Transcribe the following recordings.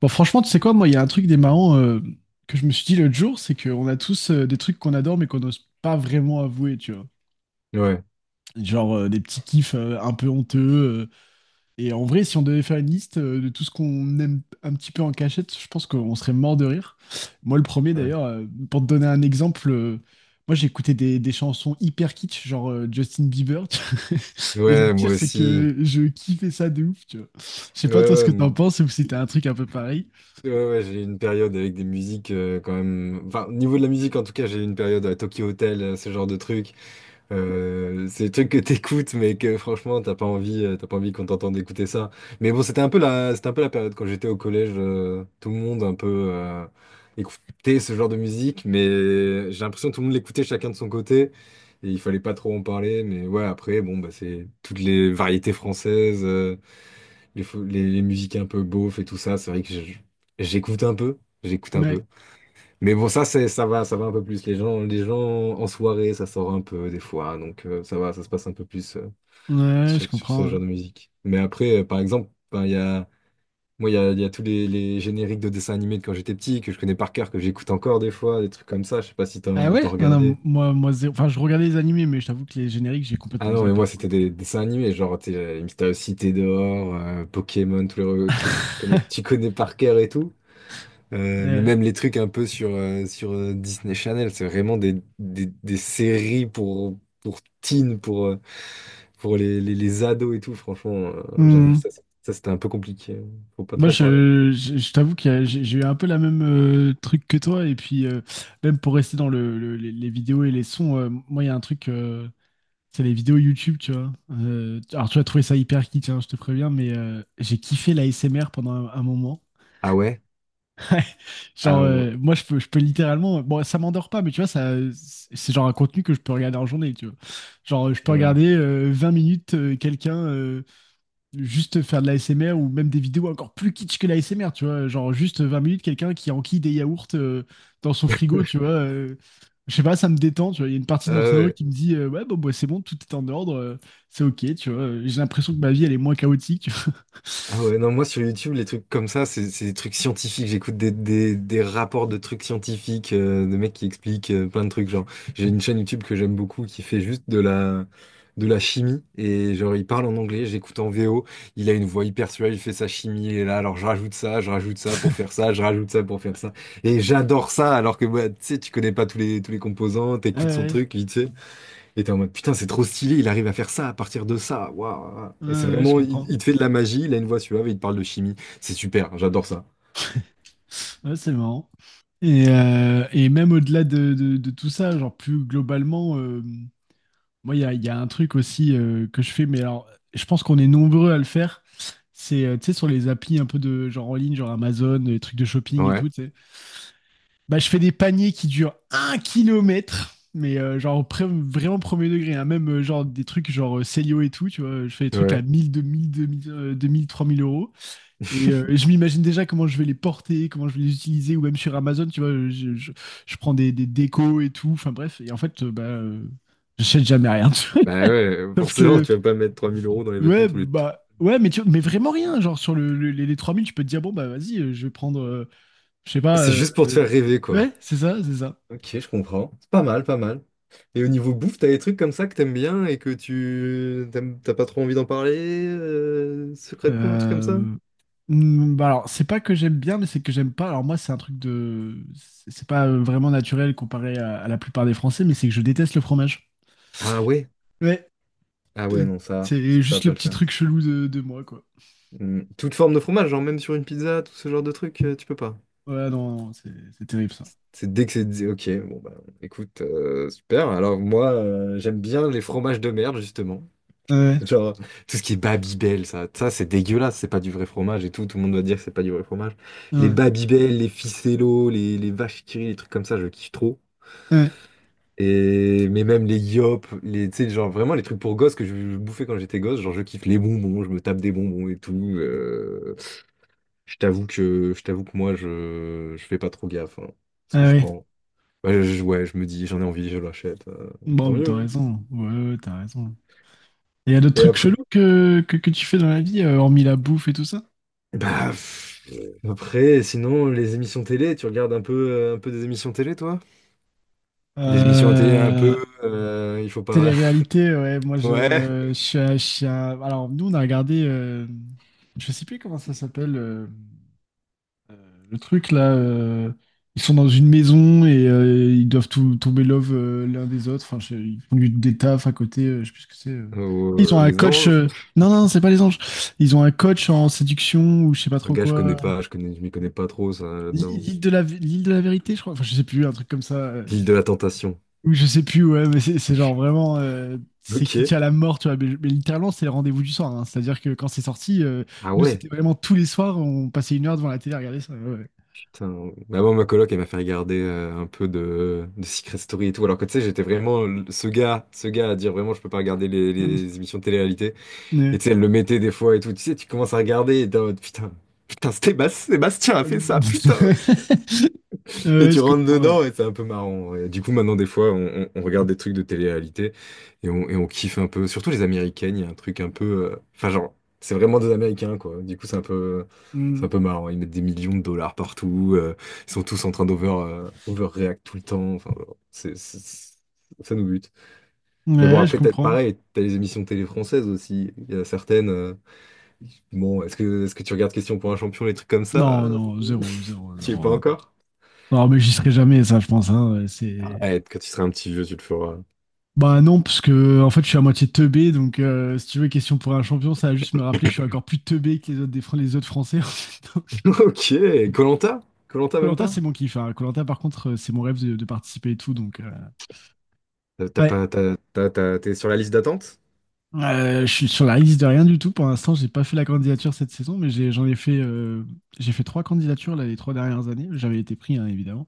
Bon, franchement, tu sais quoi, moi, il y a un truc des marrants que je me suis dit l'autre jour, c'est qu'on a tous des trucs qu'on adore mais qu'on n'ose pas vraiment avouer, tu vois. Ouais, Genre des petits kiffs un peu honteux. Et en vrai, si on devait faire une liste de tout ce qu'on aime un petit peu en cachette, je pense qu'on serait mort de rire. Moi, le premier ouais, d'ailleurs, pour te donner un exemple, moi j'écoutais des chansons hyper kitsch, genre Justin Bieber, tu vois. Et le ouais, pire, moi c'est aussi. que je kiffais ça de ouf, tu vois. Je sais Ouais, pas toi ce ouais, que t'en penses ou si t'as un truc un peu pareil. ouais, ouais, j'ai eu une période avec des musiques quand même. Enfin, au niveau de la musique, en tout cas, j'ai eu une période à Tokyo Hotel, ce genre de trucs. C'est des trucs que t'écoutes, mais que franchement, t'as pas envie qu'on t'entende écouter ça. Mais bon, c'était un peu la période quand j'étais au collège. Tout le monde un peu euh, écoutait ce genre de musique, mais j'ai l'impression que tout le monde l'écoutait chacun de son côté. Et il fallait pas trop en parler, mais ouais, après, bon, bah, c'est toutes les variétés françaises. Les musiques un peu beauf et tout ça, c'est vrai que j'écoute un peu, j'écoute un Ouais. peu. Mais bon, ça va un peu plus. Les gens en soirée, ça sort un peu des fois, donc ça va, ça se passe un peu plus Ouais, sur, je sur ce comprends, ouais. genre de musique. Mais après, par exemple, ben, il y a, moi, il y a tous les génériques de dessins animés de quand j'étais petit, que je connais par cœur, que j'écoute encore des fois, des trucs comme ça, je sais pas si Ah t'en, ouais? t'en Ah non, regardais. moi, moi, zéro. Enfin, je regardais les animés, mais je t'avoue que les génériques, j'ai Ah complètement non, mais zappé moi, pour le c'était coup. des dessins animés, Mystérieuse Cité dehors, Pokémon, tous les trucs que tu connais, tu connais par cœur et tout. Mais Ouais. même les trucs un peu sur Disney Channel, c'est vraiment des séries pour teen, pour les ados et tout. Franchement, j'avoue, Hmm. Ça c'était un peu compliqué. Faut pas Moi, trop en parler. je t'avoue que j'ai eu un peu la même truc que toi. Et puis, même pour rester dans les vidéos et les sons, moi, il y a un truc, c'est les vidéos YouTube, tu vois. Alors, tu vas trouver ça hyper kitsch, hein, je te préviens, mais j'ai kiffé la l'ASMR pendant un moment. Ah ouais? Ouais. Genre, Ah ouais. Moi, je peux littéralement. Bon, ça m'endort pas, mais tu vois, ça, c'est genre un contenu que je peux regarder en journée, tu vois. Genre, je peux Ouais. regarder 20 minutes quelqu'un juste faire de la l'ASMR ou même des vidéos encore plus kitsch que la l'ASMR, tu vois. Genre, juste 20 minutes, quelqu'un qui enquille des yaourts dans son frigo, tu vois. Je sais pas, ça me détend, tu vois. Il y a une partie Ah de mon cerveau ouais. qui me dit, ouais, bon, bah, c'est bon, tout est en ordre, c'est ok, tu vois. J'ai l'impression que ma vie, elle est moins chaotique, tu vois. Ah ouais, non, moi sur YouTube, les trucs comme ça, c'est des trucs scientifiques. J'écoute des rapports de trucs scientifiques, de mecs qui expliquent plein de trucs. Genre, j'ai une chaîne YouTube que j'aime beaucoup qui fait juste de la chimie. Et genre, il parle en anglais, j'écoute en VO. Il a une voix hyper suave, il fait sa chimie. Et là, alors je rajoute ça pour faire ça, je rajoute ça pour faire ça. Et j'adore ça, alors que bah, tu sais, tu connais pas tous les composants, t'écoutes son Ouais, truc, vite fait. Et t'es en mode, putain, c'est trop stylé, il arrive à faire ça à partir de ça. Waouh. ouais, Et c'est ouais, je vraiment, il, comprends. il te fait de la magie, il a une voix suave et il te parle de chimie. C'est super, j'adore ça. Ouais, c'est marrant. Et même au-delà de, de tout ça, genre plus globalement, moi, il y a un truc aussi que je fais, mais alors, je pense qu'on est nombreux à le faire. C'est, tu sais, sur les applis un peu de genre en ligne, genre Amazon, les trucs de shopping et Ouais, tout, tu sais. Bah, je fais des paniers qui durent un kilomètre, mais genre vraiment premier degré, hein. Même genre des trucs genre Célio et tout, tu vois. Je fais des trucs à ouais. 1000, 2000, 2000, 2 000, trois mille euros. Et je m'imagine déjà comment je vais les porter, comment je vais les utiliser, ou même sur Amazon, tu vois, je prends des décos et tout, enfin bref, et en fait, j'achète jamais rien. Tu vois. Bah ouais, Sauf forcément, que, tu vas pas mettre 3000 euros dans les vêtements ouais, tous les... bah, ouais, mais, tu, mais vraiment rien, genre sur les 3 000 tu peux te dire, bon, bah vas-y, je vais prendre, je sais pas, C'est juste pour te faire rêver, quoi. ouais, c'est ça, c'est ça. Ok, je comprends. C'est pas mal, pas mal. Et au niveau bouffe, t'as des trucs comme ça que t'aimes bien et que t'as pas trop envie d'en parler secrètement, un truc comme ça? Euh, Hmm, bah alors, c'est pas que j'aime bien, mais c'est que j'aime pas. Alors moi, c'est un truc de... C'est pas vraiment naturel comparé à la plupart des Français, mais c'est que je déteste le fromage. Ah ouais? Ouais. Ah ouais, Euh, non, ça, C'est ça, ça va juste pas le le petit faire. truc chelou de moi, quoi. Hmm. Toute forme de fromage, genre même sur une pizza, tout ce genre de truc, tu peux pas. Ouais, non, non, c'est terrible ça. C'est dès que c'est dit, ok, bon bah écoute, super. Alors moi, j'aime bien les fromages de merde, justement. Ouais, Genre, tout ce qui est Babybel, ça c'est dégueulasse, c'est pas du vrai fromage et tout, tout le monde va dire que c'est pas du vrai fromage. ouais, Les ouais, Babybel, les Ficello, les vaches qui rient, les trucs comme ça, je kiffe trop. ouais. Et, mais même les Yop, les, tu sais, genre vraiment les trucs pour gosses que je bouffais quand j'étais gosse, genre je kiffe les bonbons, je me tape des bonbons et tout. Je t'avoue que moi, je fais pas trop gaffe, hein, ce que Ah je ouais. prends. Bah, ouais, je me dis, j'en ai envie, je l'achète. Bon, Tant bah, t'as mieux, hein. raison. Ouais, ouais, t'as raison. Et y a d'autres Et trucs après? chelous que tu fais dans la vie, hormis la bouffe et tout ça? Bah, pff, après, sinon, les émissions télé, tu regardes un peu, un peu des émissions télé, toi? Des émissions à télé un Euh, peu, il faut pas. Télé-réalité, ouais, moi Ouais. Je suis un- Alors, nous, on a regardé. Je sais plus comment ça s'appelle. Euh, Le truc là, ils sont dans une maison et ils doivent tout, tomber love l'un des autres. Enfin, ils font des tafs à côté, je sais plus ce que c'est. Ou, Ils ont un les coach. anges. Non, non, non, c'est pas les anges. Ils ont un coach en séduction ou je sais pas Ah, trop Gars, je connais quoi. pas, je m'y connais pas trop, ça, là-dedans. L'île de la vérité, je crois. Enfin, je sais plus, un truc comme ça. L'île de la Tentation. Ou je sais plus, ouais, mais c'est genre vraiment. C'est Ok. qui tient la mort, tu vois. Mais littéralement, c'est le rendez-vous du soir, hein. C'est-à-dire que quand c'est sorti, Ah nous, c'était ouais, vraiment tous les soirs, on passait 1 heure devant la télé à regarder ça, ouais, ouais. putain. Bah, moi, ma coloc, elle m'a fait regarder un peu de Secret Story et tout. Alors que tu sais, j'étais vraiment ce gars à dire vraiment, je peux pas regarder les émissions de télé-réalité. Et Mm. tu sais, elle le mettait des fois et tout. Tu sais, tu commences à regarder et t'es en mode putain, putain, Sébastien a fait ça, Ouais, putain! Et tu je rentres comprends. Ouais. dedans et c'est un peu marrant. Et du coup, maintenant, des fois, on regarde des trucs de télé-réalité et on kiffe un peu. Surtout les Américaines, il y a un truc un peu. Enfin, genre, c'est vraiment des Américains, quoi. Du coup, c'est un peu. C'est un Mm. peu marrant, ils mettent des millions de dollars partout, ils sont tous en train overreact tout le temps, enfin, voilà. Ça nous bute. Mais bon, Ouais, je après, comprends. pareil, t'as les émissions télé françaises aussi, il y a certaines. Bon, est-ce que tu regardes Question pour un champion, les trucs comme ça? Non, non, zéro, zéro, Tu y es zéro, pas hein. encore? Non, mais j'y serai jamais, ça, je pense, hein, ouais, c'est... Arrête, quand tu seras un petit vieux, tu le feras. Bah non, parce que en fait, je suis à moitié teubé, donc si tu veux, question pour un champion, ça va juste me rappeler que je suis encore plus teubé que les autres, les autres Français. Donc, Ok, Colanta Colanta koh même pas? c'est mon kiff. Koh-Lanta, par contre, c'est mon rêve de participer et tout, donc... Ouais, T'es sur la liste d'attente? Je suis sur la liste de rien du tout. Pour l'instant, j'ai pas fait la candidature cette saison, mais j'en ai fait, j'ai fait trois candidatures là, les 3 dernières années. J'avais été pris, hein, évidemment.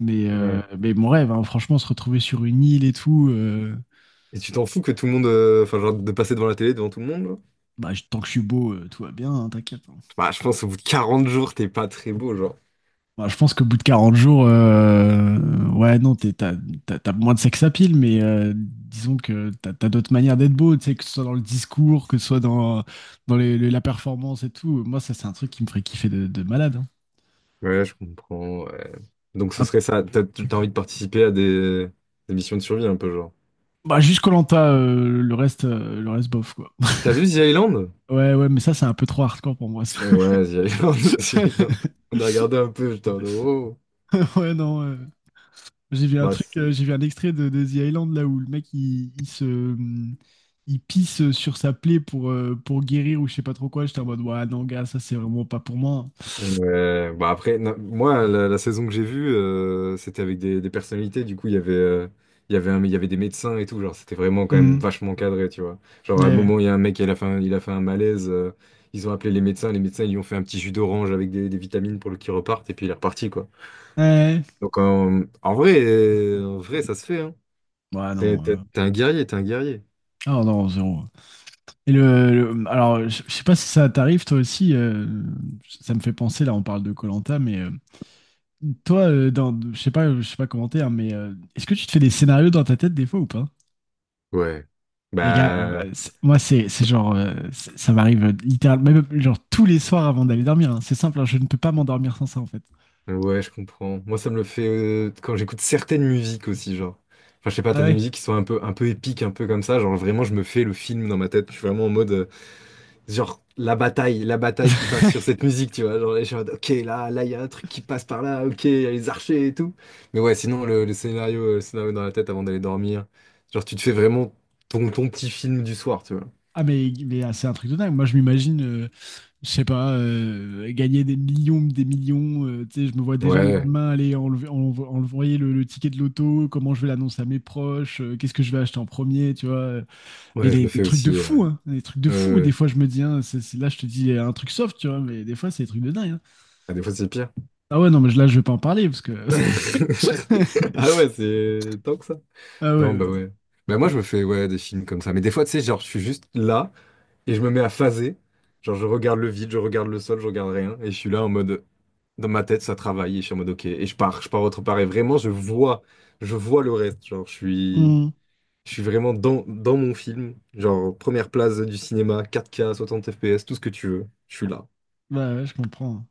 Mais, euh, Ouais. mais mon rêve, hein, franchement, se retrouver sur une île et tout. Et tu t'en fous que tout le monde, enfin, genre, de passer devant la télé, devant tout le monde là? Bah, tant que je suis beau, tout va bien, hein, t'inquiète, hein. Bah, je pense au bout de 40 jours, t'es pas très beau, genre. Bah, je pense qu'au bout de 40 jours, ouais, non, t'as moins de sex appeal, mais disons que t'as d'autres manières d'être beau, tu sais, que ce soit dans le discours, que ce soit dans la performance et tout. Moi, ça, c'est un truc qui me ferait kiffer de malade, Ouais, je comprends, ouais. Donc ce hein. serait ça, t'as envie de participer à des missions de survie un peu, genre. Bah, juste Koh Lanta, le reste bof, quoi. T'as vu The Island? Ouais, ouais, mais ça, c'est un peu trop hardcore pour moi, ça. Ouais, The Island, The Island. On a regardé un peu, j'étais en mode, oh. Ouais, non. J'ai vu un Bah, truc, c'est- j'ai vu un extrait de The Island là où le mec il se. Il pisse sur sa plaie pour guérir ou je sais pas trop quoi. J'étais en mode, ouais, non, gars, ça c'est vraiment pas pour moi. Bah après, moi, la saison que j'ai vue, c'était avec des personnalités. Du coup, il y avait un- il y avait des médecins et tout. Genre, c'était vraiment quand même Hum, vachement cadré, tu vois. Genre, à un Ouais. moment, il y a un mec, il a fait un malaise. Ils ont appelé les médecins. Les médecins, ils lui ont fait un petit jus d'orange avec des vitamines pour le qu'il reparte. Et puis, il est reparti, quoi. Ouais. Donc, en vrai, ça se fait, hein. Ouais, non. T'es un guerrier, t'es un guerrier. Ah non, zéro. Et alors, je sais pas si ça t'arrive toi aussi. Ça me fait penser, là, on parle de koh mais. Toi, dans, je sais pas commenter, hein, mais est-ce que tu te fais des scénarios dans ta tête des fois ou pas? Ouais. Les gars, Bah, ouais, moi c'est genre ça m'arrive littéralement même genre tous les soirs avant d'aller dormir, hein. C'est simple, hein, je ne peux pas m'endormir sans ça en fait. ouais, je comprends. Moi, ça me le fait quand j'écoute certaines musiques aussi, genre. Enfin, je sais pas, Ah t'as des ouais? musiques qui sont un peu épiques, un peu comme ça. Genre, vraiment, je me fais le film dans ma tête. Je suis vraiment en mode, genre, la bataille qui passe sur cette musique, tu vois. Genre, je suis en mode, ok, là, il y a un truc qui passe par là, ok, il y a les archers et tout. Mais ouais, sinon, le scénario dans la tête avant d'aller dormir. Genre, tu te fais vraiment ton petit film du soir, tu vois. Ah mais ah, c'est un truc de dingue. Moi je m'imagine, je sais pas, gagner des millions, des millions. Tu sais, je me vois déjà le Ouais, lendemain aller enlever, envoyer le ticket de l'auto, comment je vais l'annoncer à mes proches, qu'est-ce que je vais acheter en premier, tu vois. Mais ouais, je des, le des fais trucs de aussi. fou, hein. Des trucs de fou. Des Euh, fois, je me dis, hein, là, je te dis un truc soft, tu vois, mais des fois, c'est des trucs de dingue, hein. ah, des fois, c'est pire. Ah ouais, non, mais là, je vais pas en parler parce que. Ah ouais, c'est tant que ça. Ah ouais, Non, bah ouais. ouais. Bah moi, je me fais, ouais, des films comme ça. Mais des fois, tu sais, genre, je suis juste là et je me mets à phaser. Genre, je regarde le vide, je regarde le sol, je regarde rien. Et je suis là en mode, dans ma tête, ça travaille. Et je suis en mode, ok. Et je pars autre part. Et vraiment, je vois le reste. Genre, je suis, Hmm. je suis vraiment dans mon film. Genre, première place du cinéma, 4K, 60 FPS, tout ce que tu veux. Je suis là. Bah ouais, je comprends.